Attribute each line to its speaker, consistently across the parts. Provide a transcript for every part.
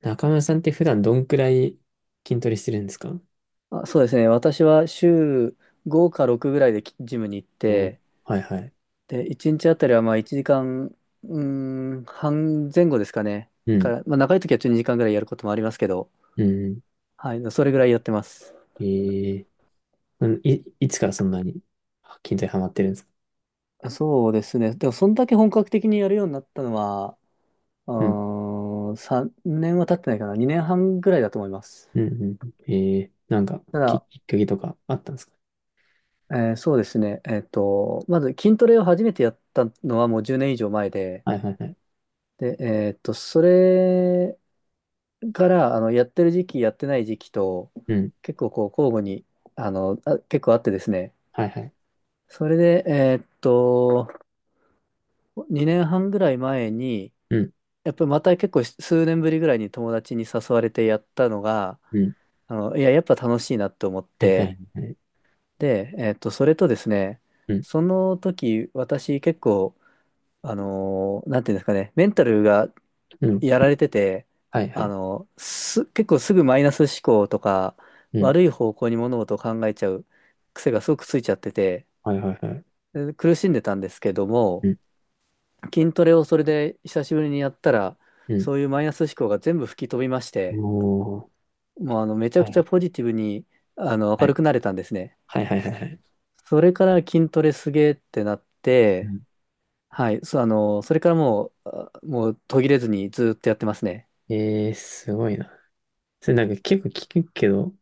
Speaker 1: 中村さんって普段どんくらい筋トレしてるんですか？
Speaker 2: あ、そうですね。私は週5か6ぐらいジムに行っ
Speaker 1: お、
Speaker 2: て、
Speaker 1: はいはい。
Speaker 2: で、1日あたりはまあ1時間、半前後ですかね。
Speaker 1: う
Speaker 2: か
Speaker 1: ん、
Speaker 2: ら、まあ長い時は12時間ぐらいやることもありますけど、
Speaker 1: うん。
Speaker 2: はい、それぐらいやってます。
Speaker 1: ええ。いつからそんなに筋トレハマってるんですか？
Speaker 2: そうですね。でも、そんだけ本格的にやるようになったのは、
Speaker 1: うん、
Speaker 2: うー3年は経ってないかな。2年半ぐらいだと思います。
Speaker 1: うん、うん。ええ。なんか、
Speaker 2: た
Speaker 1: き、
Speaker 2: だ、
Speaker 1: きっかけとかあったんですか？
Speaker 2: そうですね。まず筋トレを初めてやったのはもう10年以上前で、
Speaker 1: はいはいはい。
Speaker 2: で、それから、やってる時期、やってない時期と、
Speaker 1: うん、
Speaker 2: 結構こう、交互に、結構あってですね。
Speaker 1: はいはい。
Speaker 2: それで、2年半ぐらい前に、
Speaker 1: うん、
Speaker 2: やっぱりまた結構数年ぶりぐらいに友達に誘われてやったのが、
Speaker 1: うん。
Speaker 2: いや、やっぱ楽しいなって思っ
Speaker 1: はいはい
Speaker 2: て、
Speaker 1: はい。
Speaker 2: で、それとですね、
Speaker 1: うん、
Speaker 2: その時、私結構、なんていうんですかね、メンタルが
Speaker 1: うん。
Speaker 2: やられてて、
Speaker 1: はいはい。
Speaker 2: 結構すぐマイナス思考とか、
Speaker 1: うん、
Speaker 2: 悪い方向に物事を考えちゃう癖がすごくついちゃってて、
Speaker 1: はいはいはい。
Speaker 2: で苦しんでたんですけど
Speaker 1: う
Speaker 2: も、
Speaker 1: ん、
Speaker 2: 筋トレをそれで久しぶりにやったら、
Speaker 1: うん。
Speaker 2: そういうマイナス思考が全部吹き飛びまして、
Speaker 1: おー。
Speaker 2: もうめちゃ
Speaker 1: は
Speaker 2: く
Speaker 1: い
Speaker 2: ち
Speaker 1: は
Speaker 2: ゃ
Speaker 1: い
Speaker 2: ポジティブに、
Speaker 1: は
Speaker 2: 明る
Speaker 1: い。
Speaker 2: くなれたんですね。
Speaker 1: はいはいはいはい。
Speaker 2: それから筋トレすげーってなっ
Speaker 1: う
Speaker 2: て、
Speaker 1: ん。
Speaker 2: はい、そう、それからもう、もう途切れずにずーっとやってますね。
Speaker 1: ええ、すごいな。それなんか結構聞くけど、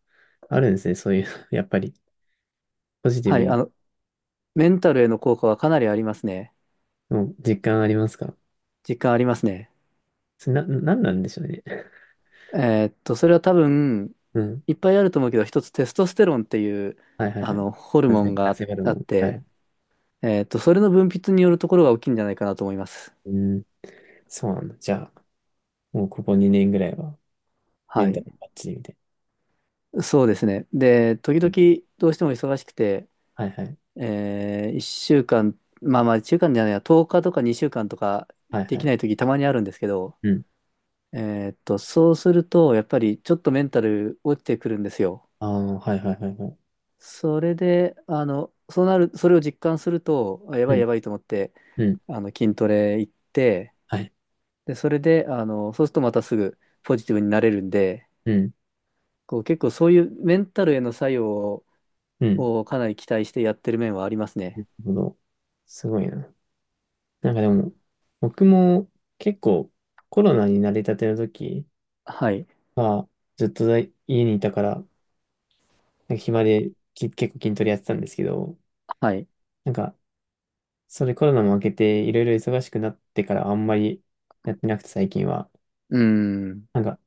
Speaker 1: あるんですね、そういうの、やっぱり。ポジティ
Speaker 2: は
Speaker 1: ブ
Speaker 2: い、
Speaker 1: に、
Speaker 2: メンタルへの効果はかなりありますね。
Speaker 1: もう実感ありますか？
Speaker 2: 実感ありますね。
Speaker 1: それな、なんなんでしょうね。
Speaker 2: それは多分、
Speaker 1: うん。
Speaker 2: いっぱいあると思うけど、一つテストステロンっていう、
Speaker 1: はいはいはい。
Speaker 2: ホル
Speaker 1: な
Speaker 2: モン
Speaker 1: ぜ、な
Speaker 2: が
Speaker 1: ぜホル
Speaker 2: あ
Speaker 1: モ
Speaker 2: っ
Speaker 1: ン。は
Speaker 2: て、
Speaker 1: い。
Speaker 2: それの分泌によるところが大きいんじゃないかなと思います。
Speaker 1: うん。そうなんだ。じゃあ、もうここ2年ぐらいは、メ
Speaker 2: は
Speaker 1: ンタ
Speaker 2: い。
Speaker 1: ルバッチリみたい
Speaker 2: そうですね。で、時
Speaker 1: な。
Speaker 2: 々どうしても忙しくて、
Speaker 1: はいはい。
Speaker 2: 1週間、まあまあ、1間じゃないや、10日とか2週間とか
Speaker 1: はい
Speaker 2: で
Speaker 1: は
Speaker 2: き
Speaker 1: い。
Speaker 2: ない時たまにあるんですけど、
Speaker 1: うん。
Speaker 2: そうすると、やっぱりちょっとメンタル落ちてくるんですよ。
Speaker 1: ああ、はいはいはいはい。
Speaker 2: それで、あの、そうなる、それを実感すると、あや
Speaker 1: う
Speaker 2: ばい
Speaker 1: ん。
Speaker 2: やばいと思って、
Speaker 1: うん。
Speaker 2: 筋トレ行って、
Speaker 1: はい。
Speaker 2: で、それで、そうするとまたすぐポジティブになれるんで、
Speaker 1: うん。
Speaker 2: こう、結構そういうメンタルへの作用を、
Speaker 1: うん。
Speaker 2: をかなり期待してやってる面はあります
Speaker 1: な
Speaker 2: ね。
Speaker 1: るほど。すごいな。なんかでも、僕も結構コロナに慣れたての時
Speaker 2: はい。
Speaker 1: は、ずっと家にいたから、なんか暇で結構筋トレやってたんですけど、
Speaker 2: はい。
Speaker 1: なんかそれコロナも明けていろいろ忙しくなってからあんまりやってなくて最近は。
Speaker 2: うーん。
Speaker 1: なんか、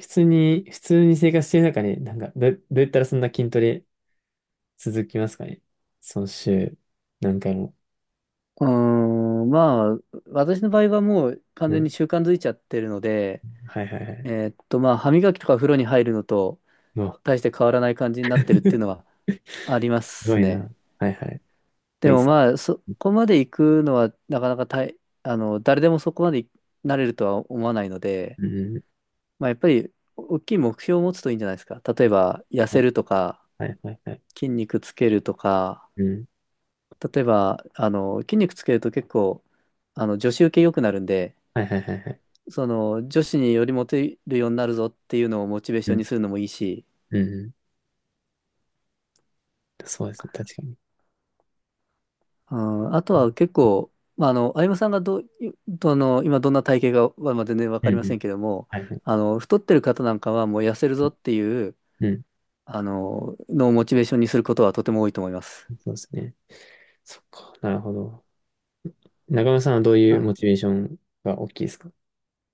Speaker 1: 普通に、普通に生活してる中で、なんかどうやったらそんな筋トレ続きますかね、その週、何回も。
Speaker 2: うーまあ、私の場合はもう完
Speaker 1: う
Speaker 2: 全
Speaker 1: ん。
Speaker 2: に習慣づいちゃってるので、
Speaker 1: はいはいはい。
Speaker 2: まあ、歯磨きとか風呂に入るのと
Speaker 1: うわ、
Speaker 2: 大して変わらない感じになってるっていうのは
Speaker 1: す
Speaker 2: ありま
Speaker 1: ご
Speaker 2: す
Speaker 1: い
Speaker 2: ね。
Speaker 1: な。はいはい。こ
Speaker 2: で
Speaker 1: れいいっ
Speaker 2: も
Speaker 1: す
Speaker 2: まあ、そ
Speaker 1: ね。
Speaker 2: こまで行くのはなかなか大あの、誰でもそこまでなれるとは思わないので、
Speaker 1: うん。
Speaker 2: まあやっぱり大きい目標を持つといいんじゃないですか。例えば痩
Speaker 1: は
Speaker 2: せ
Speaker 1: い
Speaker 2: るとか、
Speaker 1: はいはいはい。
Speaker 2: 筋肉つけるとか、
Speaker 1: うん。
Speaker 2: 例えば、筋肉つけると結構、女子受け良くなるんで、
Speaker 1: はいはいはいはい。
Speaker 2: 女子によりモテるようになるぞっていうのをモチベー
Speaker 1: う
Speaker 2: ション
Speaker 1: ん。
Speaker 2: にするのもいいし、
Speaker 1: うん。そうですね。確かに。
Speaker 2: うん、あと
Speaker 1: う
Speaker 2: は
Speaker 1: ん。
Speaker 2: 結構、まあ、歩夢さんがどう、いどの、今どんな体型はまあ全然わ
Speaker 1: う
Speaker 2: かりませ
Speaker 1: ん。
Speaker 2: んけども、
Speaker 1: はいはい。
Speaker 2: 太ってる方なんかはもう痩せるぞっていう、
Speaker 1: うん。
Speaker 2: のをモチベーションにすることはとても多いと思います。
Speaker 1: そうですね。そっか。なるほど。中村さんはどういうモ
Speaker 2: あ、
Speaker 1: チベーションが大きいですか？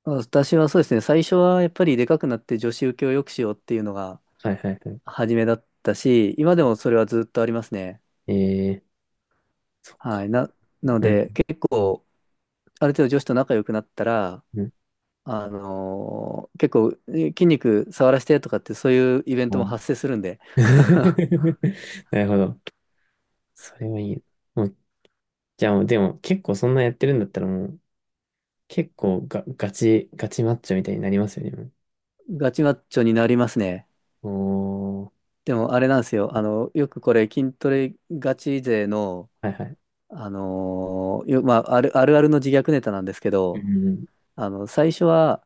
Speaker 2: 私はそうですね、最初はやっぱりでかくなって女子受けを良くしようっていうのが
Speaker 1: はいはいはい。
Speaker 2: 初めだったし、今でもそれはずっとありますね。
Speaker 1: ええ、そっ
Speaker 2: は
Speaker 1: か。
Speaker 2: い。なの
Speaker 1: うん、
Speaker 2: で、結構、ある程度女子と仲良くなったら、
Speaker 1: うん。
Speaker 2: 結構筋肉触らせてとかってそういうイベン
Speaker 1: う
Speaker 2: トも
Speaker 1: ん。
Speaker 2: 発生するんで
Speaker 1: なるほど。それはいい。もう、じゃあもう、でも結構そんなやってるんだったらもう、結構が、ガチ、ガチマッチョみたいになりますよね。
Speaker 2: ガチマッチョになりますね。
Speaker 1: もう、お
Speaker 2: でもあれなんですよ。よくこれ筋トレガチ勢の、
Speaker 1: ー、はいはい。
Speaker 2: あのーよまあ、あるあるの自虐ネタなんですけ
Speaker 1: う
Speaker 2: ど、
Speaker 1: ん、
Speaker 2: 最初は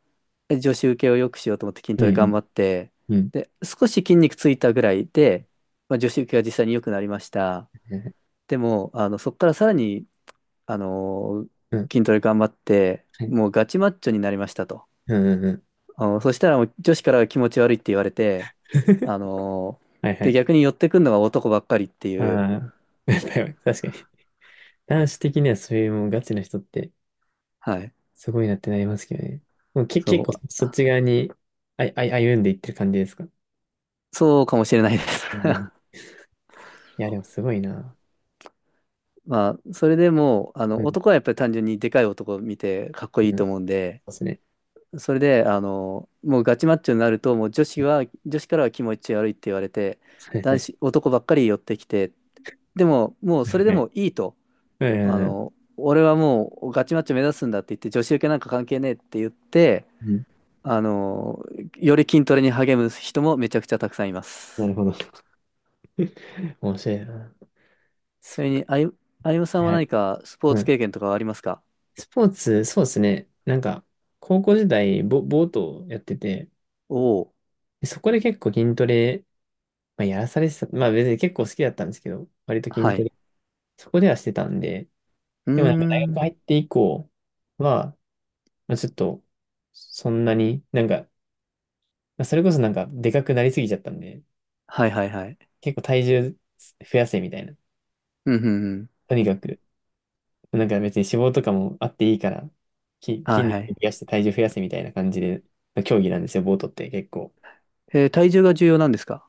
Speaker 2: 女子受けを良くしようと思って筋
Speaker 1: う
Speaker 2: トレ頑
Speaker 1: ん、
Speaker 2: 張って、
Speaker 1: うん、うん、
Speaker 2: で、少し筋肉ついたぐらいで、まあ、女子受けが実際に良くなりました。でも、そこからさらにあのー
Speaker 1: うん、うん、
Speaker 2: 筋トレ頑張って、
Speaker 1: はい、
Speaker 2: もうガチマッチョになりましたと。
Speaker 1: うん、うん、うん。
Speaker 2: そしたらもう女子からは気持ち悪いって言われて、あの
Speaker 1: はいは
Speaker 2: で、
Speaker 1: い。
Speaker 2: 逆に寄ってくるのが男ばっかりって
Speaker 1: あ
Speaker 2: いう、
Speaker 1: あ、やっぱり確かに。男子的にはそういうもうガチな人って
Speaker 2: はい、
Speaker 1: すごいなってなりますけどね。もうけ、
Speaker 2: そ
Speaker 1: 結構
Speaker 2: う、
Speaker 1: そっち側にあい、あい、歩んでいってる感じですか。
Speaker 2: そうかもしれないです。
Speaker 1: うん、 いや、でもすごいな。
Speaker 2: まあ、それでもう、
Speaker 1: うん、
Speaker 2: 男はやっぱり単純にでかい男を見てかっこいい
Speaker 1: うん、
Speaker 2: と
Speaker 1: そう
Speaker 2: 思うんで、
Speaker 1: ですね。
Speaker 2: それで、もうガチマッチョになると、もう女子からは気持ち悪いって言われて、
Speaker 1: はいはい
Speaker 2: 男ばっかり寄ってきて、でも、もう
Speaker 1: はい
Speaker 2: それで
Speaker 1: はい
Speaker 2: もいいと。
Speaker 1: はいはい。
Speaker 2: 俺はもうガチマッチョ目指すんだって言って、女子受けなんか関係ねえって言って、
Speaker 1: うん、
Speaker 2: あの、より筋トレに励む人もめちゃくちゃたくさんいま
Speaker 1: な
Speaker 2: す。
Speaker 1: るほど。面白いな。
Speaker 2: ち
Speaker 1: そ、
Speaker 2: なみに、あゆむさんは
Speaker 1: はい。
Speaker 2: 何かスポー
Speaker 1: う
Speaker 2: ツ
Speaker 1: ん。
Speaker 2: 経験とかはありますか？
Speaker 1: スポーツ、そうですね。なんか、高校時代、ボートをやってて、
Speaker 2: おお
Speaker 1: でそこで結構筋トレ、まあ、やらされてた。まあ別に結構好きだったんですけど、割と
Speaker 2: ー、
Speaker 1: 筋
Speaker 2: は
Speaker 1: ト
Speaker 2: い。
Speaker 1: レ、そこではしてたんで、
Speaker 2: うー
Speaker 1: でもなんか大学
Speaker 2: ん。
Speaker 1: 入って以降は、まあ、ちょっと、そんなに、なんか、まあそれこそなんか、でかくなりすぎちゃったんで、
Speaker 2: はいはいはい。
Speaker 1: 結構体重増やせみたいな。
Speaker 2: うんうんうん。
Speaker 1: とにかく、なんか別に脂肪とかもあっていいから、
Speaker 2: は
Speaker 1: 筋
Speaker 2: い
Speaker 1: 肉
Speaker 2: は
Speaker 1: 増
Speaker 2: い。
Speaker 1: やして体重増やせみたいな感じで、の競技なんですよ、ボートって結構。
Speaker 2: 体重が重要なんですか？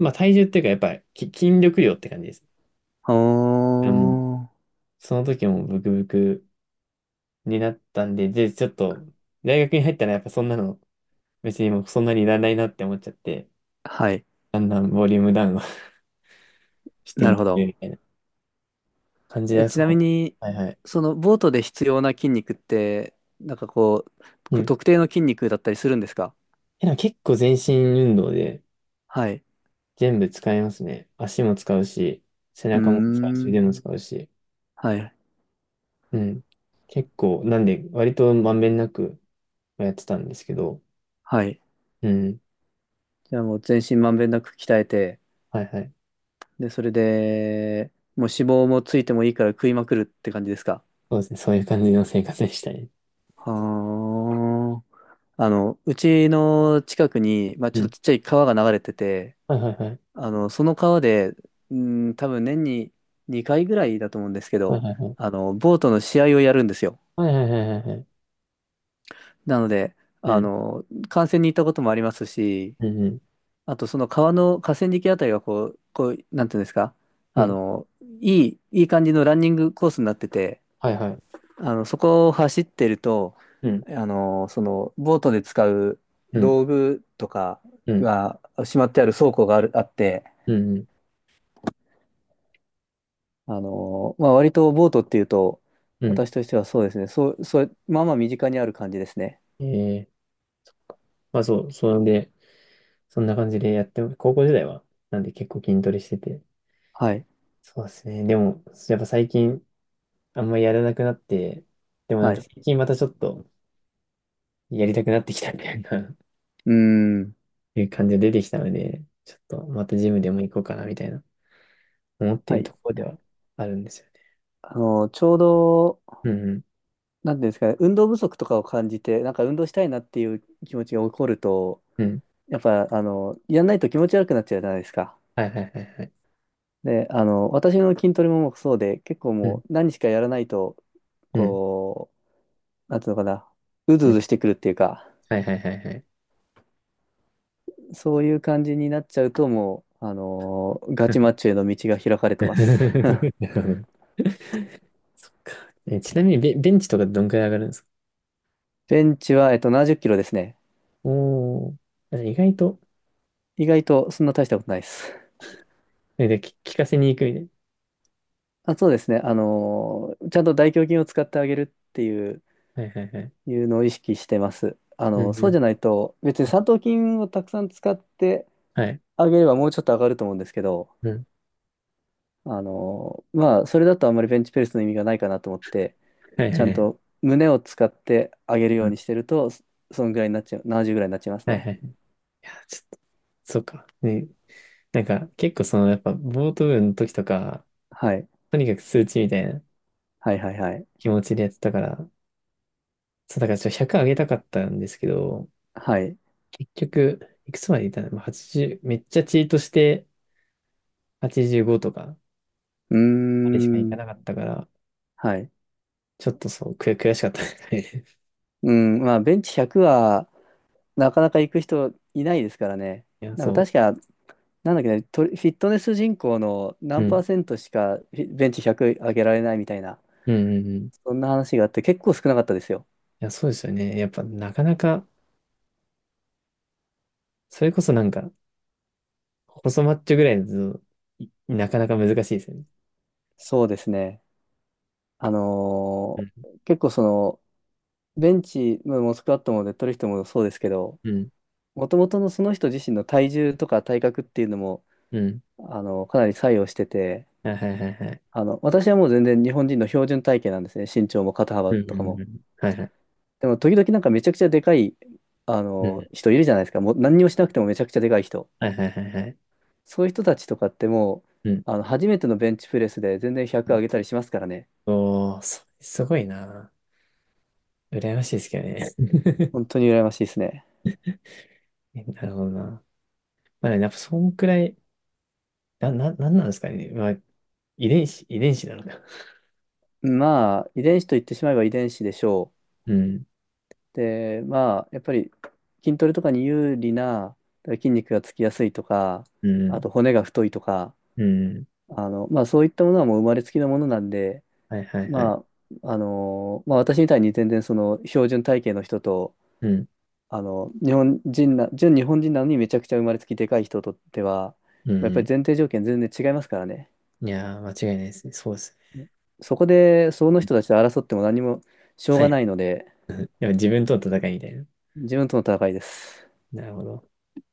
Speaker 1: まあ体重っていうか、やっぱり筋力量って感じです。
Speaker 2: お
Speaker 1: あ、もう、
Speaker 2: ー。
Speaker 1: その時もブクブクになったんで、で、ちょっと、大学に入ったらやっぱそんなの、別にもうそんなにいらないなって思っちゃって、
Speaker 2: はい。
Speaker 1: だんだんボリュームダウンを して
Speaker 2: な
Speaker 1: い
Speaker 2: る
Speaker 1: っ
Speaker 2: ほ
Speaker 1: て、
Speaker 2: ど。
Speaker 1: みたいな。感じ
Speaker 2: え、
Speaker 1: だ
Speaker 2: ち
Speaker 1: そ
Speaker 2: なみ
Speaker 1: う。
Speaker 2: に、
Speaker 1: はいはい。
Speaker 2: そのボートで必要な筋肉って、なんかこ
Speaker 1: う
Speaker 2: う、
Speaker 1: ん。
Speaker 2: 特定の筋肉だったりするんですか？
Speaker 1: え、なんか結構全身運動で
Speaker 2: はい。
Speaker 1: 全部使いますね。足も使うし、背
Speaker 2: うー
Speaker 1: 中も使うし、
Speaker 2: ん。
Speaker 1: 腕も使うし。
Speaker 2: はい。
Speaker 1: うん。結構、なんで、割とまんべんなくやってたんですけど。
Speaker 2: はい。
Speaker 1: うん。
Speaker 2: じゃあもう全身まんべんなく鍛えて、
Speaker 1: はいはい。
Speaker 2: で、それで、もう脂肪もついてもいいから食いまくるって感じですか？
Speaker 1: そうですね。そういう感じの生活でしたね。
Speaker 2: はあ。うちの近くに、まあ、
Speaker 1: う
Speaker 2: ちょっ
Speaker 1: ん。
Speaker 2: とちっちゃい川が流れてて、
Speaker 1: はいはいはい。
Speaker 2: その川で、うん、多分年に2回ぐらいだと思うんですけ
Speaker 1: はい
Speaker 2: ど、
Speaker 1: はいはい。
Speaker 2: ボートの試合をやるんですよ。
Speaker 1: はいはいはいはいはい。
Speaker 2: なので、
Speaker 1: うん。
Speaker 2: 観戦に行ったこともありますし、
Speaker 1: うんうん。
Speaker 2: あと、その川の河川敷あたりがこう、なんていうんですか、
Speaker 1: う
Speaker 2: あ
Speaker 1: ん。
Speaker 2: の、いい感じのランニングコースになってて、
Speaker 1: はいはい。
Speaker 2: そこを走ってると、
Speaker 1: うん。
Speaker 2: ボートで使う
Speaker 1: うん。
Speaker 2: 道具とか
Speaker 1: うん。
Speaker 2: がしまってある倉庫があって、
Speaker 1: うん。うん。
Speaker 2: まあ、割とボートっていうと、
Speaker 1: うん、
Speaker 2: 私としてはそうですね、そう、そう、まあまあ身近にある感じですね。
Speaker 1: えー、まあそう。それで、そんな感じでやって、高校時代は、なんで結構筋トレしてて。
Speaker 2: はい。
Speaker 1: そうですね。でも、やっぱ最近、あんまりやらなくなって、でもなん
Speaker 2: は
Speaker 1: か
Speaker 2: い。
Speaker 1: 最近またちょっとやりたくなってきたみたいな
Speaker 2: うーん。
Speaker 1: いう感じが出てきたので、ちょっとまたジムでも行こうかなみたいな思って
Speaker 2: は
Speaker 1: いる
Speaker 2: い。
Speaker 1: ところではあるんですよね。
Speaker 2: ちょうど、
Speaker 1: うん、うん、
Speaker 2: なんていうんですかね、運動不足とかを感じて、なんか運動したいなっていう気持ちが起こると、
Speaker 1: うん。
Speaker 2: やっぱ、やんないと気持ち悪くなっちゃうじゃないですか。
Speaker 1: はいはいはいはい。
Speaker 2: で、私の筋トレもそうで、結構
Speaker 1: う
Speaker 2: も
Speaker 1: ん、
Speaker 2: う何しかやらないと、
Speaker 1: うん、
Speaker 2: こう、なんていうのかな、うず
Speaker 1: う
Speaker 2: う
Speaker 1: ん。
Speaker 2: ずしてくるっていうか、
Speaker 1: はいはいはいはい。
Speaker 2: そういう感じになっちゃうと、もう、ガチマッ チョへの道が開かれて
Speaker 1: な
Speaker 2: ます。
Speaker 1: る ほど。ちなみにベンチとかどんくらい上がるんですか？
Speaker 2: ベンチは、70キロですね。
Speaker 1: おー、あ意外と、
Speaker 2: 意外とそんな大したことないです。
Speaker 1: で、聞かせに行くみたいな。
Speaker 2: あ、そうですね。ちゃんと大胸筋を使ってあげるっていう
Speaker 1: はいはいはい。
Speaker 2: いうのを意識してます。
Speaker 1: うん
Speaker 2: そ
Speaker 1: う
Speaker 2: う
Speaker 1: ん。
Speaker 2: じゃないと、別に三頭筋をたくさん使って
Speaker 1: はい。
Speaker 2: あげればもうちょっと上がると思うんですけど、
Speaker 1: うん。
Speaker 2: まあ、それだとあんまりベンチプレスの意味がないかなと思って、
Speaker 1: はいは
Speaker 2: ち
Speaker 1: い
Speaker 2: ゃ
Speaker 1: は
Speaker 2: ん
Speaker 1: い。
Speaker 2: と胸を使って上げるようにしてると、そそんぐらいになっちゃう、70ぐらいになっちゃいます
Speaker 1: はいはい。
Speaker 2: ね。
Speaker 1: いや、ちょっと、そうか。ね、なんか、結構その、やっぱ、ボート部の時とか、
Speaker 2: はい。
Speaker 1: とにかく数値みたいな
Speaker 2: はいはいはい。
Speaker 1: 気持ちでやってたから、そう、だからちょっと100上げたかったんですけど、
Speaker 2: はい。
Speaker 1: 結局、いくつまでいたのまあ？ 80、めっちゃチートして85とか、
Speaker 2: うー
Speaker 1: あれしかいか
Speaker 2: ん。
Speaker 1: なかったから、
Speaker 2: はい。
Speaker 1: ちょっとそう、悔しかったですね。
Speaker 2: うん。まあ、ベンチ100は、なかなか行く人いないですからね。
Speaker 1: いや、
Speaker 2: なんか
Speaker 1: そ
Speaker 2: 確かなんだっけね、フィットネス人口の
Speaker 1: う。
Speaker 2: 何
Speaker 1: う
Speaker 2: パー
Speaker 1: ん。
Speaker 2: セントしかベンチ100上げられないみたいな、
Speaker 1: うんうんうん。い
Speaker 2: そんな話があって結構少なかったですよ。
Speaker 1: や、そうですよね。やっぱ、なかなか、それこそなんか、細マッチョぐらいだと、なかなか難しいですよね。
Speaker 2: そうですね。あ
Speaker 1: う
Speaker 2: のー
Speaker 1: ん。
Speaker 2: 結構その、ベンチ、まあもうスクワットもデッドリフトもそうですけど、
Speaker 1: うん。
Speaker 2: もともとのその人自身の体重とか体格っていうのも、
Speaker 1: うん。
Speaker 2: かなり作用してて、
Speaker 1: はいはいはいはい。
Speaker 2: 私はもう全然日本人の標準体型なんですね。身長も肩
Speaker 1: う
Speaker 2: 幅
Speaker 1: ん
Speaker 2: と
Speaker 1: う
Speaker 2: か
Speaker 1: ん
Speaker 2: も。
Speaker 1: うん。はいはい。
Speaker 2: でも時々なんかめちゃくちゃでかい、
Speaker 1: うん。
Speaker 2: 人いるじゃないですか。もう何にもしなくてもめちゃくちゃでかい人。
Speaker 1: はいはいはいはい。
Speaker 2: そういう人たちとかっても
Speaker 1: うん。
Speaker 2: う、初めてのベンチプレスで全然100上げたりしますからね。
Speaker 1: おー、すごいな。羨ましいですけどね。
Speaker 2: 本当に羨ましいですね。
Speaker 1: なるほどな。まあ、やっぱそんくらい、なんなんですかね。まあ、遺伝子なのか。
Speaker 2: まあ、遺伝子と言ってしまえば遺伝子でしょ
Speaker 1: うん、
Speaker 2: う。で、まあ、やっぱり筋トレとかに有利な筋肉がつきやすいとか、
Speaker 1: う
Speaker 2: あ
Speaker 1: ん、
Speaker 2: と骨が太いとか、
Speaker 1: うん。
Speaker 2: まあそういったものはもう生まれつきのものなんで、
Speaker 1: はいはいはい。
Speaker 2: まあ、まあ私みたいに全然その標準体型の人と
Speaker 1: うん、
Speaker 2: 日本人な、純日本人なのにめちゃくちゃ生まれつきでかい人とっては、
Speaker 1: うん。
Speaker 2: やっぱ
Speaker 1: う
Speaker 2: り
Speaker 1: ん、
Speaker 2: 前提条件全然違いますからね。
Speaker 1: いやー、間違いないですね。そうですね。
Speaker 2: そこで、その人たちと争っても何もしょう
Speaker 1: は
Speaker 2: が
Speaker 1: い。
Speaker 2: ないので、
Speaker 1: でも自分との戦いみたいな。
Speaker 2: 自分との戦いです。
Speaker 1: なるほど。